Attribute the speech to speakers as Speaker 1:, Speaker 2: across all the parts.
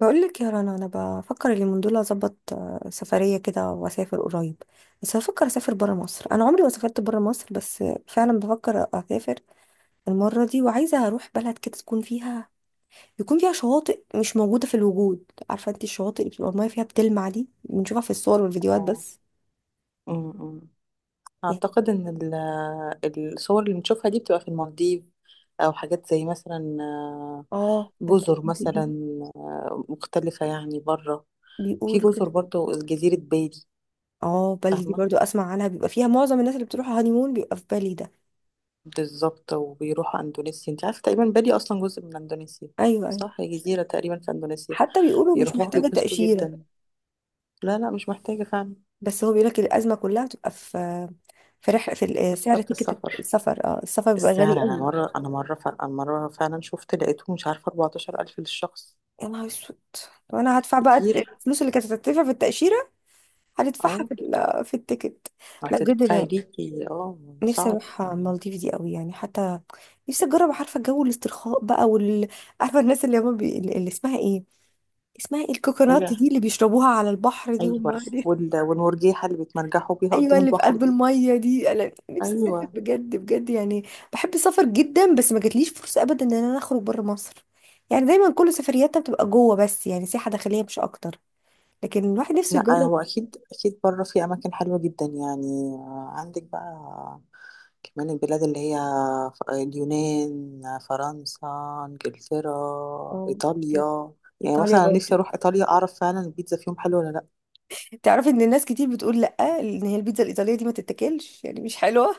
Speaker 1: بقول لك يا رنا، انا بفكر اليومين دول اظبط سفريه كده واسافر قريب. بس بفكر اسافر بره مصر. انا عمري ما سافرت بره مصر، بس فعلا بفكر اسافر المره دي، وعايزه اروح بلد كده تكون فيها يكون فيها شواطئ مش موجوده في الوجود. عارفه انت الشواطئ اللي بتبقى الميه فيها بتلمع دي، بنشوفها في الصور والفيديوهات
Speaker 2: اه
Speaker 1: بس.
Speaker 2: أمم.
Speaker 1: يعني،
Speaker 2: اعتقد ان الصور اللي بنشوفها دي بتبقى في المالديف، او حاجات زي مثلا
Speaker 1: اه،
Speaker 2: جزر
Speaker 1: المالديفز
Speaker 2: مثلا
Speaker 1: دي.
Speaker 2: مختلفة يعني بره. في
Speaker 1: بيقولوا
Speaker 2: جزر
Speaker 1: كده.
Speaker 2: برضه، جزيرة بالي.
Speaker 1: اه، بالي دي
Speaker 2: فاهمة
Speaker 1: برضو اسمع عنها. بيبقى فيها معظم الناس اللي بتروح هانيمون، بيبقى في بالي ده.
Speaker 2: بالظبط، وبيروحوا اندونيسيا. انت عارفة تقريبا بالي اصلا جزء من اندونيسيا،
Speaker 1: ايوه، ايوه.
Speaker 2: صح هي جزيرة تقريبا في اندونيسيا،
Speaker 1: حتى بيقولوا مش
Speaker 2: بيروحوها
Speaker 1: محتاجه
Speaker 2: بيتبسطوا
Speaker 1: تاشيره.
Speaker 2: جدا. لا لا مش محتاجة فعلا.
Speaker 1: بس هو بيقولك الأزمة كلها بتبقى في سعر
Speaker 2: تذكرة
Speaker 1: تيكت
Speaker 2: السفر،
Speaker 1: السفر. اه السفر بيبقى
Speaker 2: السعر.
Speaker 1: غالي
Speaker 2: انا
Speaker 1: قوي.
Speaker 2: مرة انا مرة ف- أنا مرة فعلا شفت لقيته مش عارفة 14000 للشخص،
Speaker 1: يا نهار اسود. طب انا هدفع بقى
Speaker 2: كتير.
Speaker 1: الفلوس اللي كانت هتدفع في التأشيرة، هندفعها
Speaker 2: اه،
Speaker 1: في التيكت. لا، بجد
Speaker 2: هتدفعي
Speaker 1: انا
Speaker 2: ليكي، اه
Speaker 1: نفسي
Speaker 2: صعب
Speaker 1: اروح
Speaker 2: يعني.
Speaker 1: المالديف دي قوي يعني. حتى نفسي اجرب. عارفة جو الاسترخاء بقى عارفة الناس اللي اللي اسمها ايه الكوكونات
Speaker 2: ايوه
Speaker 1: دي اللي بيشربوها على البحر دي هم.
Speaker 2: ايوه، والمرجيحه اللي بيتمرجحوا بيها
Speaker 1: ايوه،
Speaker 2: قدام
Speaker 1: اللي في
Speaker 2: البحر
Speaker 1: قلب
Speaker 2: دي.
Speaker 1: الميه دي. انا نفسي اسافر
Speaker 2: ايوه،
Speaker 1: بجد بجد يعني. بحب السفر جدا، بس ما جاتليش فرصه ابدا ان انا اخرج بره مصر. يعني دايما كل سفرياتنا بتبقى جوه بس، يعني سياحه داخليه مش اكتر. لكن الواحد نفسه
Speaker 2: لا
Speaker 1: يجرب.
Speaker 2: هو اكيد اكيد بره في اماكن حلوه جدا يعني. عندك بقى كمان البلاد اللي هي اليونان، فرنسا، انجلترا،
Speaker 1: اه، بجد.
Speaker 2: ايطاليا. يعني
Speaker 1: ايطاليا
Speaker 2: مثلا أنا نفسي
Speaker 1: برضو.
Speaker 2: اروح ايطاليا، اعرف فعلا البيتزا فيهم حلوه ولا لا.
Speaker 1: تعرفي ان الناس كتير بتقول لا، ان هي البيتزا الايطاليه دي ما تتاكلش يعني، مش حلوه.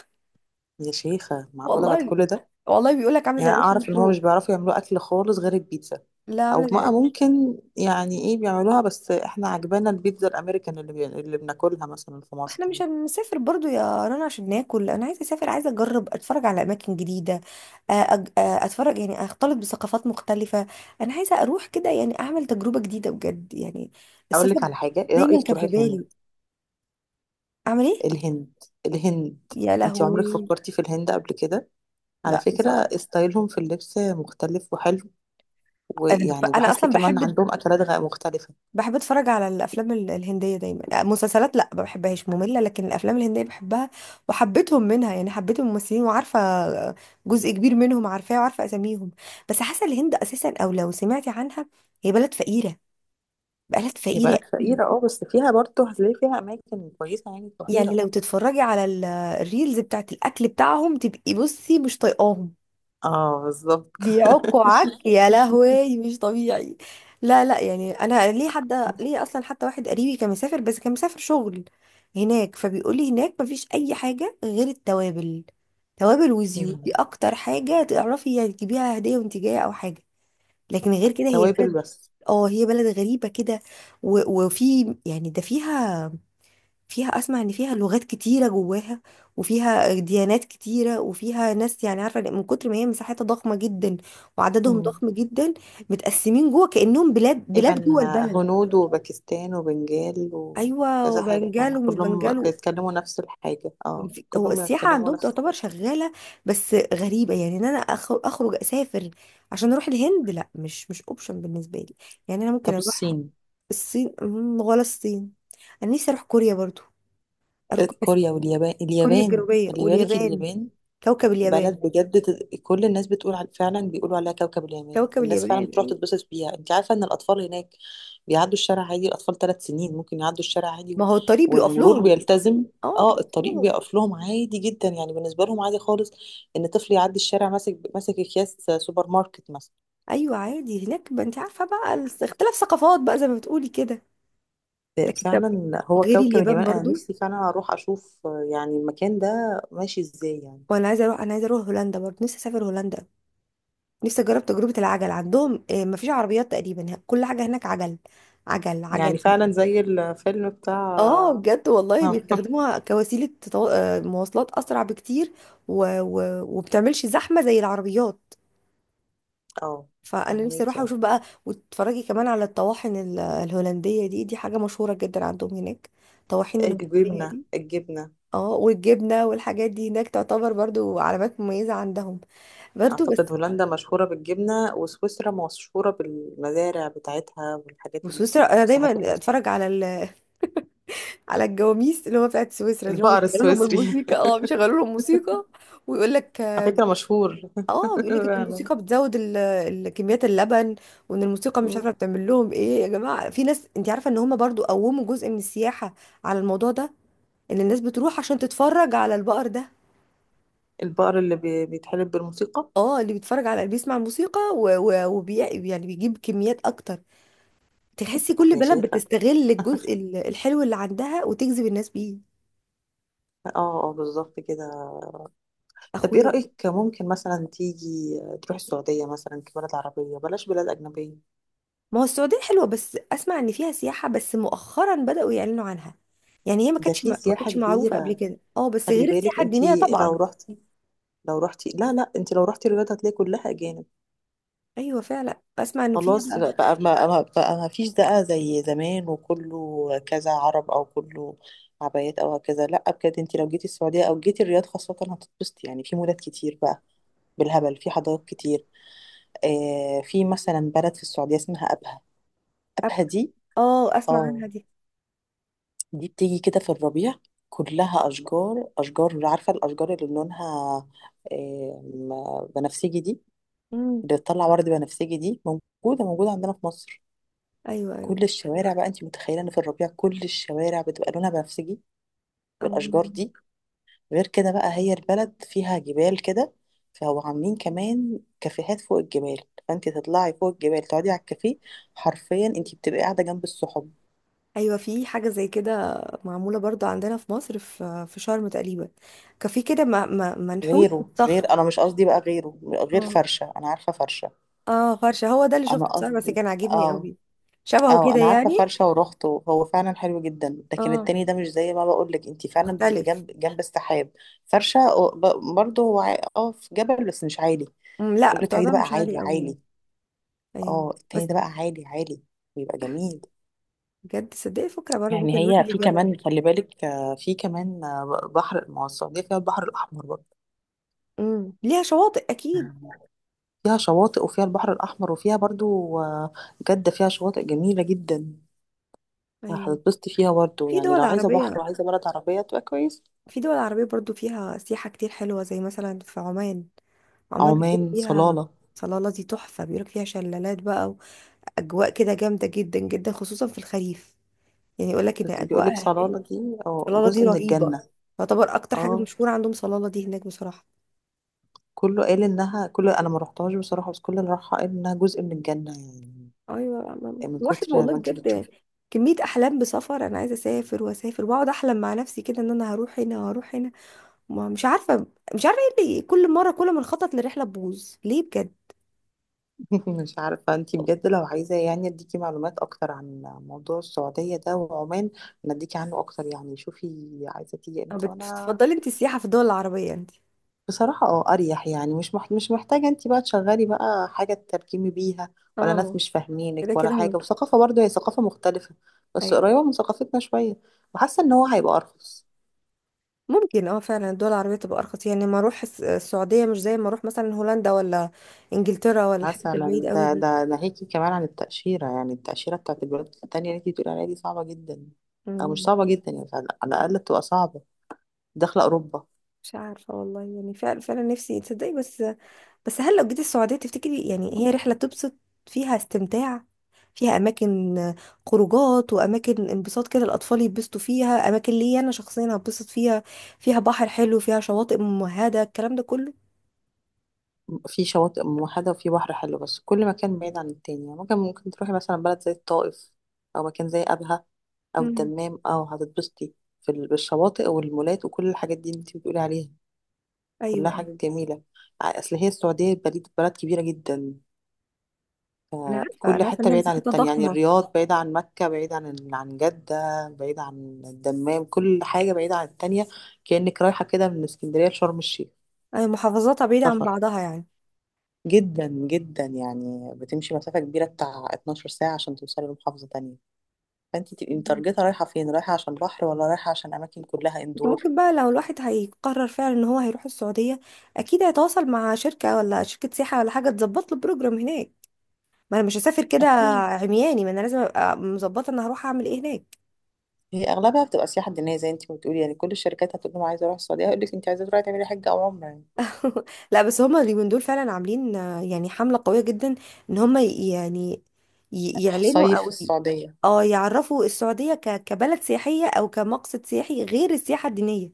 Speaker 2: يا شيخه معقوله بعد
Speaker 1: والله،
Speaker 2: كل ده؟
Speaker 1: والله بيقول لك عامله
Speaker 2: يعني
Speaker 1: زي
Speaker 2: أنا
Speaker 1: العيش
Speaker 2: اعرف ان هو مش
Speaker 1: المحروق.
Speaker 2: بيعرفوا يعملوا اكل خالص غير البيتزا،
Speaker 1: لا،
Speaker 2: او
Speaker 1: عامله
Speaker 2: بقى
Speaker 1: زي.
Speaker 2: ممكن يعني ايه بيعملوها، بس احنا عجبانا البيتزا الامريكان اللي بناكلها مثلا في مصر
Speaker 1: احنا مش
Speaker 2: دي.
Speaker 1: هنسافر برضو يا رنا عشان ناكل. انا عايزه اسافر، عايزه اجرب، اتفرج على اماكن جديده. اتفرج يعني، اختلط بثقافات مختلفه. انا عايزه اروح كده يعني، اعمل تجربه جديده بجد يعني.
Speaker 2: اقول لك
Speaker 1: السفر.
Speaker 2: على حاجه، ايه
Speaker 1: دايما
Speaker 2: رايك
Speaker 1: كان
Speaker 2: تروحي
Speaker 1: في
Speaker 2: الهند؟
Speaker 1: بالي. اعمل ايه؟
Speaker 2: الهند، الهند.
Speaker 1: يا
Speaker 2: انت عمرك
Speaker 1: لهوي.
Speaker 2: فكرتي في الهند قبل كده؟ على
Speaker 1: لا،
Speaker 2: فكره
Speaker 1: بصراحه.
Speaker 2: ستايلهم في اللبس مختلف وحلو، ويعني
Speaker 1: انا
Speaker 2: بحس
Speaker 1: اصلا
Speaker 2: كمان
Speaker 1: بحب
Speaker 2: عندهم اكلات مختلفه.
Speaker 1: بحب اتفرج على الافلام الهنديه دايما. مسلسلات لا، ما بحبهاش، ممله. لكن الافلام الهنديه بحبها. وحبيتهم منها يعني، حبيت الممثلين، وعارفه جزء كبير منهم عارفاه وعارفه اساميهم. بس حاسه الهند اساسا، او لو سمعتي عنها، هي بلد فقيره، بلد
Speaker 2: هي
Speaker 1: فقيره
Speaker 2: بلد
Speaker 1: أوي.
Speaker 2: فقيره اه، بس فيها برضه هتلاقي فيها اماكن كويسه يعني
Speaker 1: يعني
Speaker 2: تروحيها.
Speaker 1: لو تتفرجي على الريلز بتاعت الاكل بتاعهم، تبقي بصي مش طايقاهم.
Speaker 2: اه بالظبط.
Speaker 1: بيعكوا عك، يا لهوي، مش طبيعي. لا، لا، يعني انا ليه اصلا، حتى واحد قريبي كان مسافر، بس كان مسافر شغل هناك. فبيقول لي هناك مفيش اي حاجه غير التوابل. توابل وزيوت دي
Speaker 2: يعني
Speaker 1: اكتر حاجه تعرفي يعني تجيبيها هديه وانت جايه او حاجه. لكن غير كده،
Speaker 2: توابل بس.
Speaker 1: هي بلد غريبه كده. وفي يعني، ده فيها اسمع ان فيها لغات كتيره جواها. وفيها ديانات كتيره، وفيها ناس يعني. عارفه، من كتر ما هي مساحتها ضخمه جدا، وعددهم
Speaker 2: مم.
Speaker 1: ضخم جدا. متقسمين جوه كانهم بلاد بلاد
Speaker 2: تقريبا
Speaker 1: جوه البلد.
Speaker 2: هنود وباكستان وبنجال
Speaker 1: ايوه،
Speaker 2: وكذا حاجة، يعني
Speaker 1: وبنجال ومش
Speaker 2: كلهم
Speaker 1: بنجال.
Speaker 2: بيتكلموا نفس الحاجة، اه
Speaker 1: هو
Speaker 2: كلهم
Speaker 1: السياحه
Speaker 2: بيتكلموا
Speaker 1: عندهم
Speaker 2: نفس
Speaker 1: تعتبر
Speaker 2: الحاجة.
Speaker 1: شغاله. بس غريبه يعني، ان انا اخرج اسافر عشان اروح الهند. لا، مش اوبشن بالنسبه لي. يعني انا ممكن
Speaker 2: طب
Speaker 1: اروح
Speaker 2: الصين؟
Speaker 1: الصين ولا الصين. انا نفسي اروح كوريا برضو. اروح بس.
Speaker 2: كوريا واليابان،
Speaker 1: كوريا
Speaker 2: اليابان
Speaker 1: الجنوبيه
Speaker 2: خلي بالك،
Speaker 1: واليابان.
Speaker 2: اليابان
Speaker 1: كوكب اليابان.
Speaker 2: بلد بجد. كل الناس بتقول على، فعلا بيقولوا عليها كوكب اليمن،
Speaker 1: كوكب
Speaker 2: الناس
Speaker 1: اليابان.
Speaker 2: فعلا بتروح
Speaker 1: أيوة.
Speaker 2: تتبسط بيها. انت عارفه ان الاطفال هناك بيعدوا الشارع عادي، الاطفال 3 سنين ممكن يعدوا الشارع عادي
Speaker 1: ما هو الطريق بيقف
Speaker 2: والمرور
Speaker 1: لهم.
Speaker 2: بيلتزم.
Speaker 1: اه،
Speaker 2: اه
Speaker 1: بيقف
Speaker 2: الطريق
Speaker 1: لهم.
Speaker 2: بيقف لهم عادي جدا، يعني بالنسبه لهم عادي خالص ان طفل يعدي الشارع ماسك اكياس سوبر ماركت مثلا.
Speaker 1: ايوه عادي هناك، ما انت عارفه بقى اختلاف ثقافات بقى زي ما بتقولي كده. لكن طب،
Speaker 2: فعلا هو
Speaker 1: غير
Speaker 2: كوكب
Speaker 1: اليابان
Speaker 2: اليمن، انا
Speaker 1: برضو.
Speaker 2: نفسي فعلا اروح اشوف يعني المكان ده ماشي ازاي يعني.
Speaker 1: وانا عايزه اروح هولندا برضه. نفسي اسافر هولندا. نفسي اجرب تجربه العجل عندهم. ما فيش عربيات تقريبا، كل حاجه هناك عجل، عجل،
Speaker 2: يعني
Speaker 1: عجل.
Speaker 2: فعلا زي الفيلم
Speaker 1: اه،
Speaker 2: بتاع.
Speaker 1: بجد والله بيستخدموها كوسيله تطو... آه، مواصلات اسرع بكتير. و... و... وبتعملش زحمه زي العربيات.
Speaker 2: اه
Speaker 1: فانا نفسي
Speaker 2: فهميك
Speaker 1: اروح
Speaker 2: يعني.
Speaker 1: واشوف بقى، وتتفرجي كمان على الطواحن الهولنديه دي. دي حاجه مشهوره جدا عندهم هناك. الطواحين الهولنديه
Speaker 2: الجبنة،
Speaker 1: دي.
Speaker 2: الجبنة.
Speaker 1: اه، والجبنه والحاجات دي هناك تعتبر برضو علامات مميزه عندهم برضو بس.
Speaker 2: أعتقد هولندا مشهورة بالجبنة، وسويسرا مشهورة بالمزارع بتاعتها والحاجات
Speaker 1: وسويسرا انا
Speaker 2: الساحات
Speaker 1: دايما اتفرج على على الجواميس اللي هو بتاعت سويسرا دي، اللي هو
Speaker 2: البقر السويسري.
Speaker 1: بيشغلوا لهم موسيقى، ويقول لك
Speaker 2: على فكرة مشهور.
Speaker 1: اه بيقول لك ان
Speaker 2: فعلا.
Speaker 1: الموسيقى بتزود كميات اللبن. وان الموسيقى مش
Speaker 2: مم.
Speaker 1: عارفه بتعمل لهم ايه، يا جماعه. في ناس انت عارفه ان هم برضو قوموا جزء من السياحه على الموضوع ده، ان الناس بتروح عشان تتفرج على البقر ده.
Speaker 2: البقر بيتحلب بالموسيقى.
Speaker 1: اه، اللي بيتفرج على بيسمع الموسيقى يعني بيجيب كميات اكتر. تحسي كل
Speaker 2: يا
Speaker 1: بلد
Speaker 2: شيخة،
Speaker 1: بتستغل الجزء الحلو اللي عندها وتجذب الناس بيه.
Speaker 2: اه اه بالظبط كده. طب ايه
Speaker 1: اخويا.
Speaker 2: رأيك ممكن مثلا تيجي تروح السعودية مثلا كبلد عربية، بلاش بلاد أجنبية؟
Speaker 1: ما هو السعودية حلوة، بس اسمع ان فيها سياحة بس مؤخرا بدأوا يعلنوا عنها. يعني هي ما
Speaker 2: ده
Speaker 1: كانتش
Speaker 2: في
Speaker 1: ما ما
Speaker 2: سياحة
Speaker 1: كانتش معروفة قبل
Speaker 2: كبيرة.
Speaker 1: كده، اه، بس
Speaker 2: خلي
Speaker 1: غير
Speaker 2: بالك،
Speaker 1: السياحة الدينية
Speaker 2: انتي لو
Speaker 1: طبعا.
Speaker 2: رحتي، لو رحتي، لا لا، انتي لو رحتي الرياض هتلاقي كلها أجانب.
Speaker 1: ايوه، فعلا اسمع انه فيها
Speaker 2: خلاص
Speaker 1: بقى.
Speaker 2: بقى، بقى ما فيش بقى زي زمان، وكله كذا عرب او كله عبايات او كذا. لا بجد، انت لو جيتي السعوديه او جيتي الرياض خاصه هتتبسطي. يعني في مولات كتير بقى بالهبل، في حدائق كتير. في مثلا بلد في السعوديه اسمها ابها.
Speaker 1: أب-
Speaker 2: ابها دي،
Speaker 1: اه اسمع
Speaker 2: اه
Speaker 1: عنها دي.
Speaker 2: دي بتيجي كده في الربيع كلها اشجار، اشجار عارفه الاشجار اللي لونها بنفسجي دي،
Speaker 1: امم.
Speaker 2: اللي بتطلع ورد بنفسجي دي، موجوده موجوده عندنا في مصر.
Speaker 1: ايوه، ايوه.
Speaker 2: كل الشوارع بقى انت متخيله ان في الربيع كل الشوارع بتبقى لونها بنفسجي، والاشجار
Speaker 1: أم-
Speaker 2: دي. غير كده بقى، هي البلد فيها جبال كده، فهو عاملين كمان كافيهات فوق الجبال، فانت تطلعي فوق الجبال تقعدي على الكافيه، حرفيا انت بتبقي قاعده جنب السحب.
Speaker 1: ايوه. في حاجه زي كده معموله برضو عندنا في مصر، في شرم تقريبا. كان في كده، منحوت
Speaker 2: غيره،
Speaker 1: بالطخ.
Speaker 2: غير انا مش قصدي بقى، غيره غير
Speaker 1: اه،
Speaker 2: فرشه، انا عارفه فرشه.
Speaker 1: اه، فرشه هو ده اللي
Speaker 2: انا
Speaker 1: شفته بصراحه، بس
Speaker 2: قصدي
Speaker 1: كان عاجبني
Speaker 2: اه.
Speaker 1: قوي. شبهه
Speaker 2: اه
Speaker 1: كده
Speaker 2: انا عارفه
Speaker 1: يعني.
Speaker 2: فرشه ورحت وهو فعلا حلو جدا، لكن
Speaker 1: اه،
Speaker 2: التاني ده مش زي ما بقول لك، انت فعلا بتبقي
Speaker 1: مختلف.
Speaker 2: جنب جنب السحاب. فرشه برضه هو اه في جبل بس مش عالي.
Speaker 1: لا،
Speaker 2: يقول لك
Speaker 1: بتاع
Speaker 2: عليه ده
Speaker 1: ده
Speaker 2: بقى
Speaker 1: مش عالي
Speaker 2: عالي
Speaker 1: قوي يعني.
Speaker 2: عالي.
Speaker 1: ايوه.
Speaker 2: اه التاني
Speaker 1: بس
Speaker 2: ده بقى عالي عالي، بيبقى جميل.
Speaker 1: بجد صدقي فكره برضو ممكن
Speaker 2: يعني هي
Speaker 1: الواحد
Speaker 2: في
Speaker 1: يجرب.
Speaker 2: كمان، خلي بالك في كمان بحر. ما هو السعوديه فيها البحر الاحمر برضه،
Speaker 1: ليها شواطئ اكيد.
Speaker 2: فيها شواطئ وفيها البحر الاحمر وفيها برضه آه، جده فيها شواطئ جميله جدا.
Speaker 1: ايوه،
Speaker 2: هتتبسطي فيها برضه
Speaker 1: في
Speaker 2: يعني،
Speaker 1: دول
Speaker 2: لو عايزه بحر
Speaker 1: عربيه
Speaker 2: وعايزه بلد عربيه تبقى كويس.
Speaker 1: في دول عربيه برضو فيها سياحه كتير حلوه زي مثلا في عمان. عمان بيقول
Speaker 2: عمان،
Speaker 1: فيها.
Speaker 2: صلالة،
Speaker 1: صلاله دي تحفه، بيقولك فيها شلالات بقى. اجواء كده جامده جدا جدا، خصوصا في الخريف. يعني يقول لك ان
Speaker 2: بس
Speaker 1: اجواء
Speaker 2: بيقولك
Speaker 1: هناك.
Speaker 2: صلالة دي اه
Speaker 1: صلاله دي
Speaker 2: جزء من
Speaker 1: رهيبه.
Speaker 2: الجنة.
Speaker 1: تعتبر اكتر حاجه
Speaker 2: اه
Speaker 1: مشهوره عندهم صلاله دي هناك بصراحه.
Speaker 2: كله قال انها، كله، انا ما رحتهاش بصراحة، بس كل اللي راحها قال انها جزء من الجنة.
Speaker 1: ايوه،
Speaker 2: يعني من
Speaker 1: الواحد
Speaker 2: كتر
Speaker 1: والله
Speaker 2: ما انتي
Speaker 1: بجد.
Speaker 2: بتشوفي.
Speaker 1: كميه احلام بسفر. انا عايزه اسافر واسافر واقعد احلم مع نفسي كده، ان انا هروح هنا وهروح هنا. ما مش عارفه، مش عارفه ايه اللي كل ما نخطط لرحله تبوظ ليه بجد.
Speaker 2: مش عارفة انتي بجد، لو عايزة يعني اديكي معلومات اكتر عن موضوع السعودية ده وعمان، انا اديكي عنه اكتر يعني، شوفي عايزة تيجي
Speaker 1: أو
Speaker 2: امتى وانا.
Speaker 1: بتفضلي انت السياحه في الدول العربيه انت؟
Speaker 2: بصراحة اه أريح يعني، مش محتاجة انت بقى تشغلي بقى حاجة تترجمي بيها، ولا ناس
Speaker 1: اه،
Speaker 2: مش
Speaker 1: كده
Speaker 2: فاهمينك ولا
Speaker 1: كده،
Speaker 2: حاجة. وثقافة برضه هي ثقافة مختلفة، بس
Speaker 1: ايوه.
Speaker 2: قريبة من ثقافتنا شوية. وحاسة ان هو هيبقى أرخص.
Speaker 1: ممكن، فعلا الدول العربية تبقى أرخص يعني، ما أروح السعودية مش زي ما أروح مثلا هولندا، ولا إنجلترا، ولا الحتت البعيد
Speaker 2: مثلا
Speaker 1: قوي
Speaker 2: ده
Speaker 1: دي.
Speaker 2: ده ناهيكي كمان عن التأشيرة، يعني التأشيرة بتاعت البلاد التانية اللي انت بتقولي عليها دي صعبة جدا. أو مش
Speaker 1: مم.
Speaker 2: صعبة جدا يعني، على الأقل بتبقى صعبة، داخلة أوروبا.
Speaker 1: مش عارفة والله يعني، فعلا فعلا نفسي تصدقي بس. بس هل لو جيت السعودية تفتكري يعني هي رحلة تبسط؟ فيها استمتاع؟ فيها أماكن؟ خروجات وأماكن انبساط كده، الأطفال يتبسطوا فيها، أماكن ليا أنا شخصيا هتبسط فيها؟ فيها بحر حلو، فيها شواطئ ممهدة، الكلام ده كله؟
Speaker 2: في شواطئ موحدة وفي بحر حلو، بس كل مكان بعيد عن التاني. يعني ممكن تروحي مثلا بلد زي الطائف، أو مكان زي أبها، أو
Speaker 1: مم.
Speaker 2: الدمام، أو هتتبسطي بالشواطئ والمولات وكل الحاجات دي اللي انت بتقولي عليها، كلها
Speaker 1: أيوه، أيوه.
Speaker 2: حاجات جميلة. أصل هي السعودية بلد كبيرة جدا،
Speaker 1: أنا عارفة،
Speaker 2: فكل
Speaker 1: أنا عارفة إن
Speaker 2: حتة
Speaker 1: هي
Speaker 2: بعيدة عن
Speaker 1: مساحتها
Speaker 2: التانية. يعني
Speaker 1: ضخمة.
Speaker 2: الرياض بعيدة عن مكة، بعيدة عن عن جدة، بعيدة عن الدمام، كل حاجة بعيدة عن التانية، كأنك رايحة كده من اسكندرية لشرم الشيخ.
Speaker 1: أي محافظاتها بعيدة عن
Speaker 2: سفر
Speaker 1: بعضها يعني.
Speaker 2: جدا جدا يعني، بتمشي مسافة كبيرة بتاع 12 ساعة عشان توصلي لمحافظة تانية. فانت تبقي
Speaker 1: مم.
Speaker 2: متارجتة رايحة فين، رايحة عشان بحر ولا رايحة عشان أماكن كلها
Speaker 1: انت
Speaker 2: اندور.
Speaker 1: ممكن بقى، لو الواحد هيقرر فعلا ان هو هيروح السعودية، اكيد هيتواصل مع شركة ولا شركة سياحة ولا حاجة تظبط له بروجرام هناك. ما انا مش هسافر كده
Speaker 2: مم.
Speaker 1: عمياني. ما انا لازم ابقى مظبطه انا هروح اعمل ايه هناك.
Speaker 2: هي أغلبها بتبقى سياحة دينية زي انت ما بتقولي، يعني كل الشركات هتقول لهم عايزة أروح السعودية هيقول لك انت عايزة تروحي تعملي حج أو عمرة يعني.
Speaker 1: لا، بس هما اليومين دول فعلا عاملين، يعني حمله قويه جدا، ان هما يعني يعلنوا،
Speaker 2: صيف في
Speaker 1: او
Speaker 2: السعودية.
Speaker 1: اه يعرفوا السعوديه كبلد سياحيه او كمقصد سياحي غير السياحه الدينيه.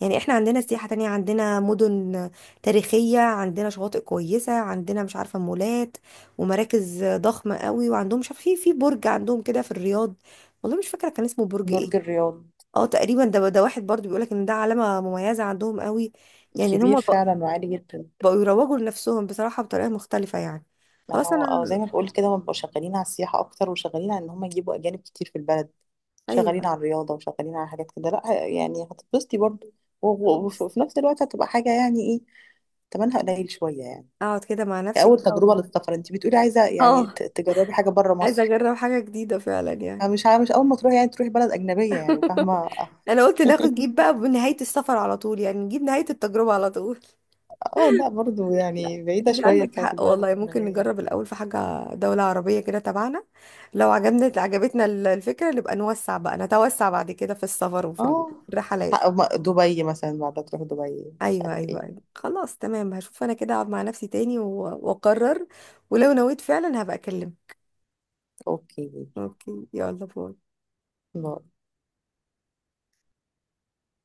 Speaker 1: يعني احنا عندنا سياحة تانية، عندنا مدن تاريخية، عندنا شواطئ كويسة، عندنا مش عارفة مولات ومراكز ضخمة قوي. وعندهم مش عارفة، في برج عندهم كده في الرياض. والله مش فاكرة كان اسمه برج ايه.
Speaker 2: برج الرياض
Speaker 1: اه، تقريبا ده واحد برضو بيقولك ان ده علامة مميزة عندهم قوي. يعني ان
Speaker 2: كبير
Speaker 1: هم بقوا
Speaker 2: فعلا وعالي جدا.
Speaker 1: يروجوا لنفسهم بصراحة بطريقة مختلفة يعني.
Speaker 2: ما
Speaker 1: خلاص
Speaker 2: هو اه، زي
Speaker 1: انا.
Speaker 2: ما بقول كده، هم بيبقوا شغالين على السياحة أكتر، وشغالين على إن هم يجيبوا أجانب كتير في البلد، شغالين
Speaker 1: ايوه.
Speaker 2: على الرياضة وشغالين على حاجات كده. لا يعني هتتبسطي برضه
Speaker 1: خلاص
Speaker 2: وفي نفس الوقت هتبقى حاجة يعني إيه، تمنها قليل شوية يعني.
Speaker 1: اقعد كده مع نفسي
Speaker 2: أول
Speaker 1: كده
Speaker 2: تجربة للسفر، أنت بتقولي عايزة يعني
Speaker 1: اه.
Speaker 2: تجربي حاجة بره
Speaker 1: عايزة
Speaker 2: مصر.
Speaker 1: اجرب حاجة جديدة فعلا يعني.
Speaker 2: مش أول ما تروحي يعني تروحي بلد أجنبية، يعني فاهمة.
Speaker 1: انا قلت ناخد جيب بقى بنهاية السفر على طول، يعني نجيب نهاية التجربة على طول.
Speaker 2: اه لا برضه
Speaker 1: لا،
Speaker 2: يعني بعيدة
Speaker 1: دي
Speaker 2: شوية
Speaker 1: عندك
Speaker 2: بتاعت
Speaker 1: حق
Speaker 2: البلد
Speaker 1: والله، ممكن
Speaker 2: الأجنبية دي.
Speaker 1: نجرب الاول في حاجة دولة عربية كده تبعنا. لو عجبتنا الفكرة، نبقى نوسع بقى نتوسع بعد كده في السفر وفي
Speaker 2: اه
Speaker 1: الرحلات.
Speaker 2: دبي مثلا بعد، تروح دبي مش
Speaker 1: ايوه،
Speaker 2: عارف
Speaker 1: ايوه،
Speaker 2: ايه.
Speaker 1: أيوة. خلاص، تمام، هشوف انا كده، اقعد مع نفسي تاني واقرر. ولو نويت فعلا هبقى اكلم.
Speaker 2: اوكي،
Speaker 1: اوكي، يلا باي.
Speaker 2: باي.